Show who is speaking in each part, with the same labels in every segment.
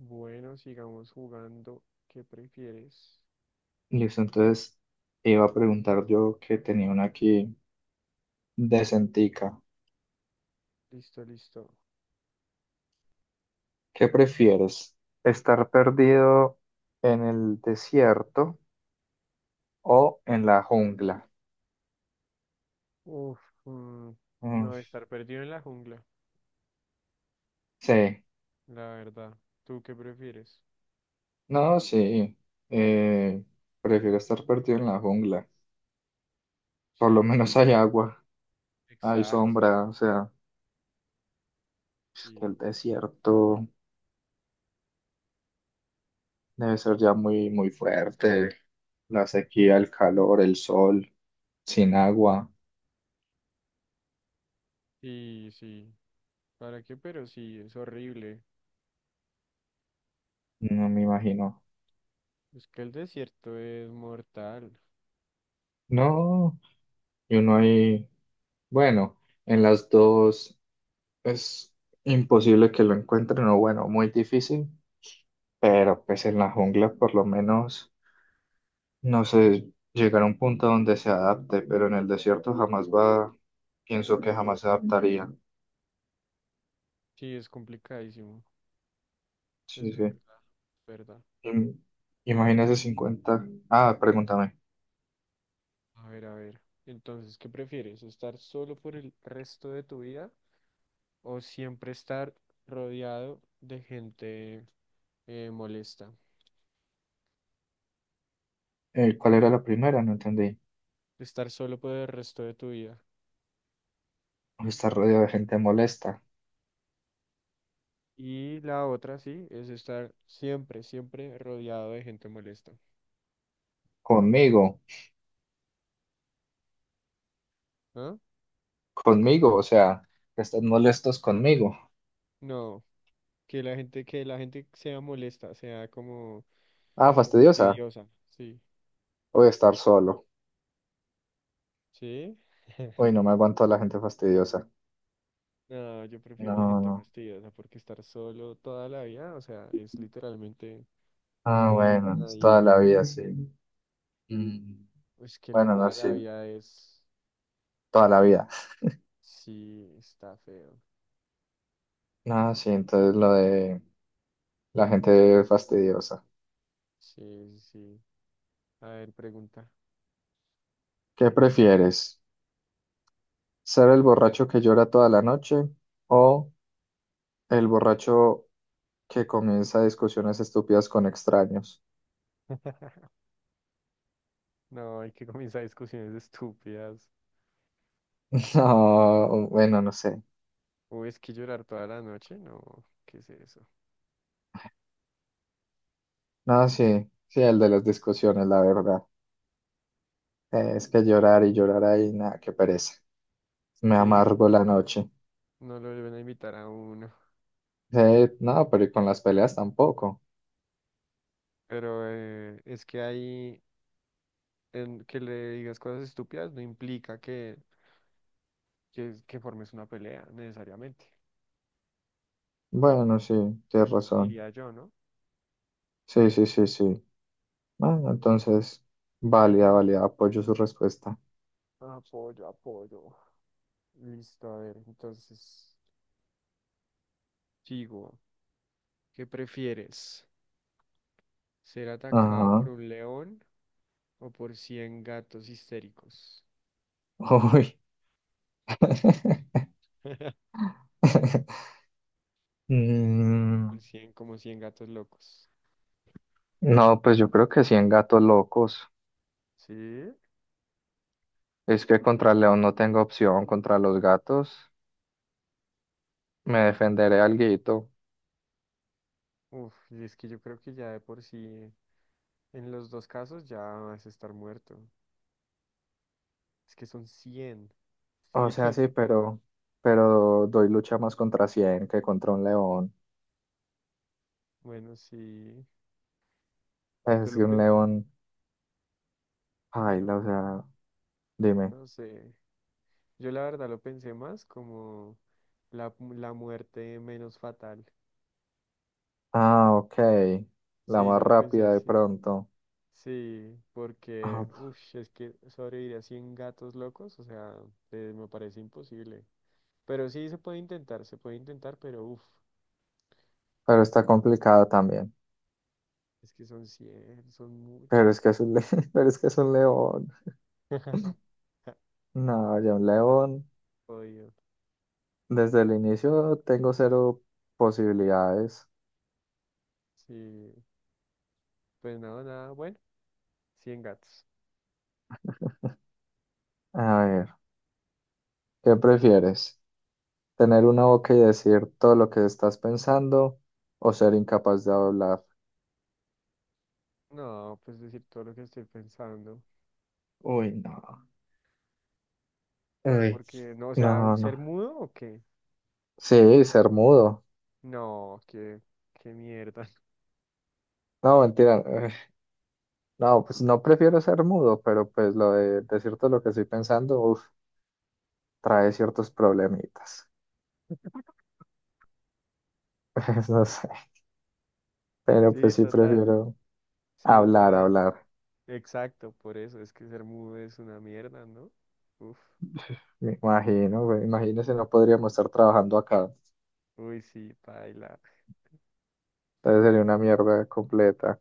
Speaker 1: Bueno, sigamos jugando. ¿Qué prefieres?
Speaker 2: Listo, entonces te iba a preguntar yo que tenía una aquí decentica.
Speaker 1: Listo, listo.
Speaker 2: ¿Qué prefieres? ¿Estar perdido en el desierto o en la jungla?
Speaker 1: Uf, mm,
Speaker 2: Mm,
Speaker 1: no, estar perdido en la jungla,
Speaker 2: sí,
Speaker 1: la verdad. ¿Tú qué prefieres?
Speaker 2: no, sí. Eh, Prefiero estar perdido en la jungla. Por lo
Speaker 1: Sí,
Speaker 2: menos hay agua, hay
Speaker 1: exacto.
Speaker 2: sombra, o sea, es que el
Speaker 1: Sí,
Speaker 2: desierto debe ser ya muy, muy fuerte. La sequía, el calor, el sol, sin agua,
Speaker 1: sí. ¿Para qué? Pero sí, es horrible.
Speaker 2: no me imagino.
Speaker 1: Es que el desierto es mortal.
Speaker 2: No, y uno ahí, bueno, en las dos es imposible que lo encuentren, o bueno, muy difícil, pero pues en la jungla por lo menos, no sé, llegar a un punto donde se adapte, pero en el desierto jamás va, pienso que jamás se adaptaría.
Speaker 1: Sí, es complicadísimo.
Speaker 2: Sí,
Speaker 1: Es
Speaker 2: sí.
Speaker 1: verdad, verdad.
Speaker 2: Im-
Speaker 1: A ver,
Speaker 2: Imagínese 50. Ah, pregúntame,
Speaker 1: a ver, a ver. Entonces, ¿qué prefieres? ¿Estar solo por el resto de tu vida o siempre estar rodeado de gente molesta,
Speaker 2: ¿cuál era la primera? No entendí.
Speaker 1: estar solo por el resto de tu vida?
Speaker 2: Estar rodeado de gente molesta.
Speaker 1: Y la otra, sí, es estar siempre, siempre rodeado de gente molesta.
Speaker 2: Conmigo,
Speaker 1: ¿Ah?
Speaker 2: conmigo, o sea, que están molestos conmigo.
Speaker 1: No, que la gente sea molesta, sea como,
Speaker 2: Ah,
Speaker 1: como
Speaker 2: fastidiosa.
Speaker 1: fastidiosa, sí,
Speaker 2: Voy a estar solo.
Speaker 1: sí.
Speaker 2: Uy, no me aguanto a la gente fastidiosa.
Speaker 1: No, yo prefiero la
Speaker 2: No,
Speaker 1: gente
Speaker 2: no.
Speaker 1: fastidiosa porque estar solo toda la vida, o sea, es literalmente, pues no,
Speaker 2: Ah,
Speaker 1: hay
Speaker 2: bueno, es
Speaker 1: nadie.
Speaker 2: toda la vida, sí. Mm.
Speaker 1: Es que el
Speaker 2: Bueno, no,
Speaker 1: toda
Speaker 2: sí,
Speaker 1: la vida es,
Speaker 2: toda la vida.
Speaker 1: sí, está feo.
Speaker 2: No, sí, entonces lo de la gente fastidiosa.
Speaker 1: Sí, sí. A ver, pregunta.
Speaker 2: ¿Qué prefieres? ¿Ser el borracho que llora toda la noche o el borracho que comienza discusiones estúpidas con extraños?
Speaker 1: No, hay que comenzar discusiones estúpidas.
Speaker 2: No, bueno, no sé.
Speaker 1: Uy, es que llorar toda la noche, no, ¿qué es eso?
Speaker 2: No, sí, sí, el de las discusiones, la verdad. Es que llorar y llorar ahí, nada, qué pereza. Me
Speaker 1: Sí,
Speaker 2: amargo la noche.
Speaker 1: no lo deben invitar a uno.
Speaker 2: No, pero y con las peleas tampoco.
Speaker 1: Pero es que ahí, en que le digas cosas estúpidas no implica que formes una pelea, necesariamente.
Speaker 2: Bueno, sí, tienes razón.
Speaker 1: Diría yo, ¿no?
Speaker 2: Sí, sí, sí, sí. Bueno, entonces, válida, válida, apoyo su respuesta.
Speaker 1: Apoyo, apoyo. Listo, a ver, entonces, sigo. ¿Qué prefieres? ¿Ser atacado por
Speaker 2: Ajá.
Speaker 1: un león o por 100 gatos histéricos?
Speaker 2: Uy. Mm,
Speaker 1: Por cien, como 100 gatos locos.
Speaker 2: no, pues yo creo que sí en gatos locos.
Speaker 1: Sí.
Speaker 2: Es que contra el león no tengo opción, contra los gatos me defenderé alguito.
Speaker 1: Uf, y es que yo creo que ya de por sí, en los dos casos ya vas a estar muerto. Es que son cien
Speaker 2: O sea,
Speaker 1: 100.
Speaker 2: sí, pero doy lucha más contra 100 que contra un león.
Speaker 1: Bueno, sí. Yo
Speaker 2: Es
Speaker 1: lo
Speaker 2: que un
Speaker 1: pen,
Speaker 2: león. Paila,
Speaker 1: yo
Speaker 2: o sea, dime.
Speaker 1: no sé. Yo la verdad lo pensé más como la muerte menos fatal.
Speaker 2: Ah, ok. La
Speaker 1: Sí, yo
Speaker 2: más
Speaker 1: lo pensé
Speaker 2: rápida de
Speaker 1: así.
Speaker 2: pronto.
Speaker 1: Sí, porque,
Speaker 2: Ah,
Speaker 1: uff, es que sobrevivir a 100 gatos locos, o sea, me parece imposible. Pero sí se puede intentar, pero uff,
Speaker 2: pero está complicada también.
Speaker 1: es que son cien, son mucho.
Speaker 2: Pero es que es un, pero es que es un león. No, ya un
Speaker 1: Está
Speaker 2: león.
Speaker 1: jodido.
Speaker 2: Desde el inicio tengo cero posibilidades.
Speaker 1: Sí, pues nada, nada, bueno, 100 gatos.
Speaker 2: A ver, ¿qué prefieres? ¿Tener una boca y decir todo lo que estás pensando o ser incapaz de hablar?
Speaker 1: No, pues decir todo lo que estoy pensando.
Speaker 2: Uy, no. Uy.
Speaker 1: Porque, no, o
Speaker 2: No,
Speaker 1: sea, ¿ser
Speaker 2: no.
Speaker 1: mudo o qué?
Speaker 2: Sí, ser mudo.
Speaker 1: No, qué, qué mierda.
Speaker 2: No, mentira. No, pues no prefiero ser mudo, pero pues lo de decirte lo que estoy pensando, uf, trae ciertos problemitas. Pues no sé, pero
Speaker 1: Sí,
Speaker 2: pues sí
Speaker 1: total.
Speaker 2: prefiero
Speaker 1: Sí lo
Speaker 2: hablar,
Speaker 1: trae.
Speaker 2: hablar.
Speaker 1: Exacto, por eso es que ser mudo es una mierda, ¿no? Uf,
Speaker 2: Me imagino, güey, imagínese, no podríamos estar trabajando acá.
Speaker 1: uy, sí, paila.
Speaker 2: Entonces sería una mierda completa.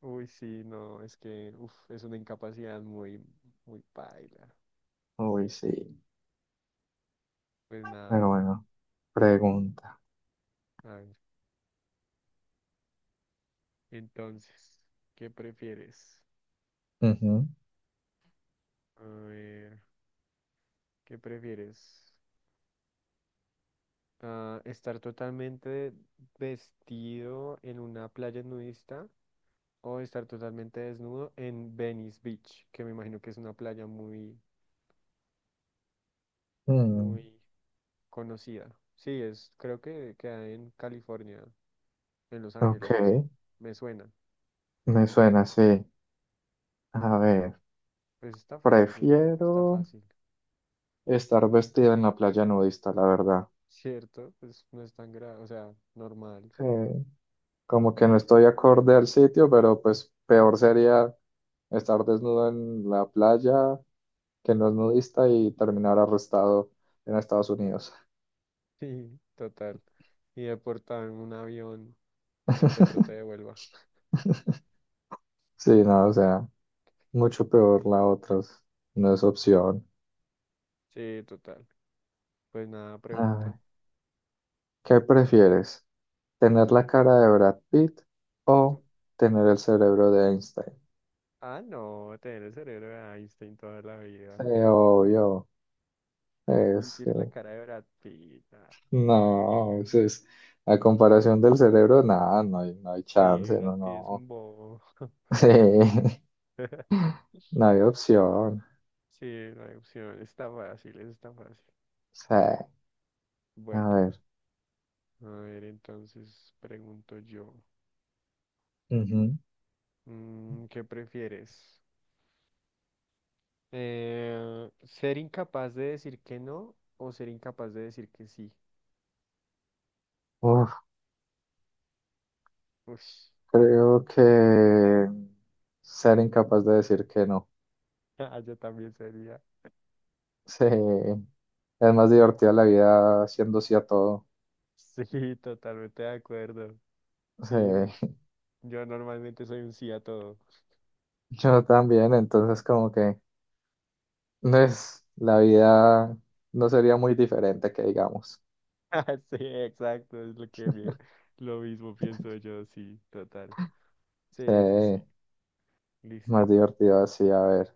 Speaker 1: Uy, sí, no, es que uf, es una incapacidad muy, muy paila.
Speaker 2: Uy, sí,
Speaker 1: Pues nada,
Speaker 2: pero bueno, pregunta.
Speaker 1: a ver. Entonces, ¿qué prefieres?
Speaker 2: Ujú.
Speaker 1: A ver, ¿qué prefieres? Ah, ¿estar totalmente vestido en una playa nudista o estar totalmente desnudo en Venice Beach, que me imagino que es una playa muy,
Speaker 2: Mm,
Speaker 1: muy conocida? Sí, es, creo que queda en California, en Los
Speaker 2: ok,
Speaker 1: Ángeles, no sé. Me suena.
Speaker 2: me suena así. A ver,
Speaker 1: Pues está fácil, yo creo que está
Speaker 2: prefiero
Speaker 1: fácil,
Speaker 2: estar vestida en la playa nudista, la verdad.
Speaker 1: ¿cierto? Pues no es tan grave, o sea, normal.
Speaker 2: Sí, como que no estoy acorde al sitio, pero pues peor sería estar desnudo en la playa que no es nudista y terminar arrestado en Estados Unidos.
Speaker 1: Sí, total. Y deportado en un avión y que Petro te devuelva.
Speaker 2: Sí, no, o sea, mucho peor la otra, no es opción.
Speaker 1: Sí, total. Pues nada,
Speaker 2: A ver,
Speaker 1: pregunta.
Speaker 2: ¿qué prefieres? ¿Tener la cara de Brad Pitt o tener el cerebro de Einstein?
Speaker 1: Ah, no, tener el cerebro de Einstein toda la vida.
Speaker 2: Sí, obvio,
Speaker 1: ¿Quién
Speaker 2: es que
Speaker 1: quiere la cara de Brad Pitt? Ah,
Speaker 2: no, a comparación del cerebro, nada, no hay
Speaker 1: sí,
Speaker 2: chance,
Speaker 1: Brad
Speaker 2: no,
Speaker 1: Pitt es
Speaker 2: no.
Speaker 1: un bobo.
Speaker 2: Sí, no hay opción.
Speaker 1: Sí, no hay opción, está fácil, eso está fácil.
Speaker 2: Sí, a
Speaker 1: Bueno,
Speaker 2: ver.
Speaker 1: a ver, entonces pregunto yo,
Speaker 2: Ujú.
Speaker 1: mm, ¿qué prefieres? Ser incapaz de decir que no o ser incapaz de decir que sí.
Speaker 2: Uf,
Speaker 1: Ush,
Speaker 2: creo que ser incapaz de decir que no.
Speaker 1: ah, yo también sería.
Speaker 2: Sí, es más divertida la vida siendo sí a todo.
Speaker 1: Sí, totalmente de acuerdo. Sí,
Speaker 2: Sí,
Speaker 1: yo normalmente soy un sí a todo.
Speaker 2: yo también, entonces como que no es la vida no sería muy diferente que digamos.
Speaker 1: Sí, exacto, es lo que me- lo mismo pienso yo, sí, total.
Speaker 2: Sí,
Speaker 1: Sí, sí, sí,
Speaker 2: más
Speaker 1: listo.
Speaker 2: divertido así, a ver.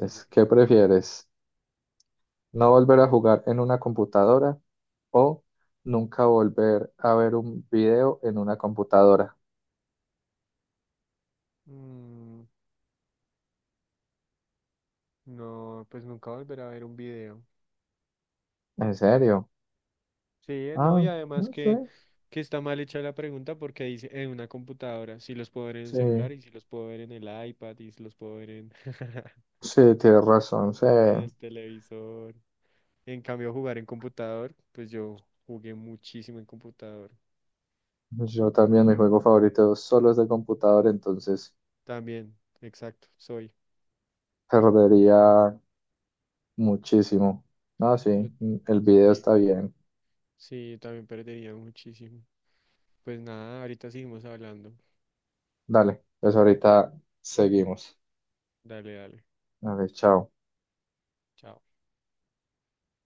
Speaker 1: Sí.
Speaker 2: ¿qué prefieres? ¿No volver a jugar en una computadora o nunca volver a ver un video en una computadora?
Speaker 1: Mm, no, pues nunca volver a ver un video.
Speaker 2: ¿En serio?
Speaker 1: Sí, no, y
Speaker 2: Ah,
Speaker 1: además
Speaker 2: no sé.
Speaker 1: que está mal hecha la pregunta porque dice en una computadora, si los puedo ver en el
Speaker 2: Sí,
Speaker 1: celular y si los puedo ver en el iPad y si los puedo ver en,
Speaker 2: sí, tienes razón. Sí.
Speaker 1: en el televisor. En cambio, jugar en computador, pues yo jugué muchísimo en computador.
Speaker 2: Yo también, mi juego favorito solo es de computador, entonces
Speaker 1: También, exacto, soy.
Speaker 2: perdería muchísimo. No, sí,
Speaker 1: Yo-
Speaker 2: el video
Speaker 1: sí,
Speaker 2: está bien.
Speaker 1: sí, también perdería muchísimo. Pues nada, ahorita seguimos hablando.
Speaker 2: Dale, pues ahorita seguimos.
Speaker 1: Dale, dale.
Speaker 2: A ver, chao.
Speaker 1: Chao.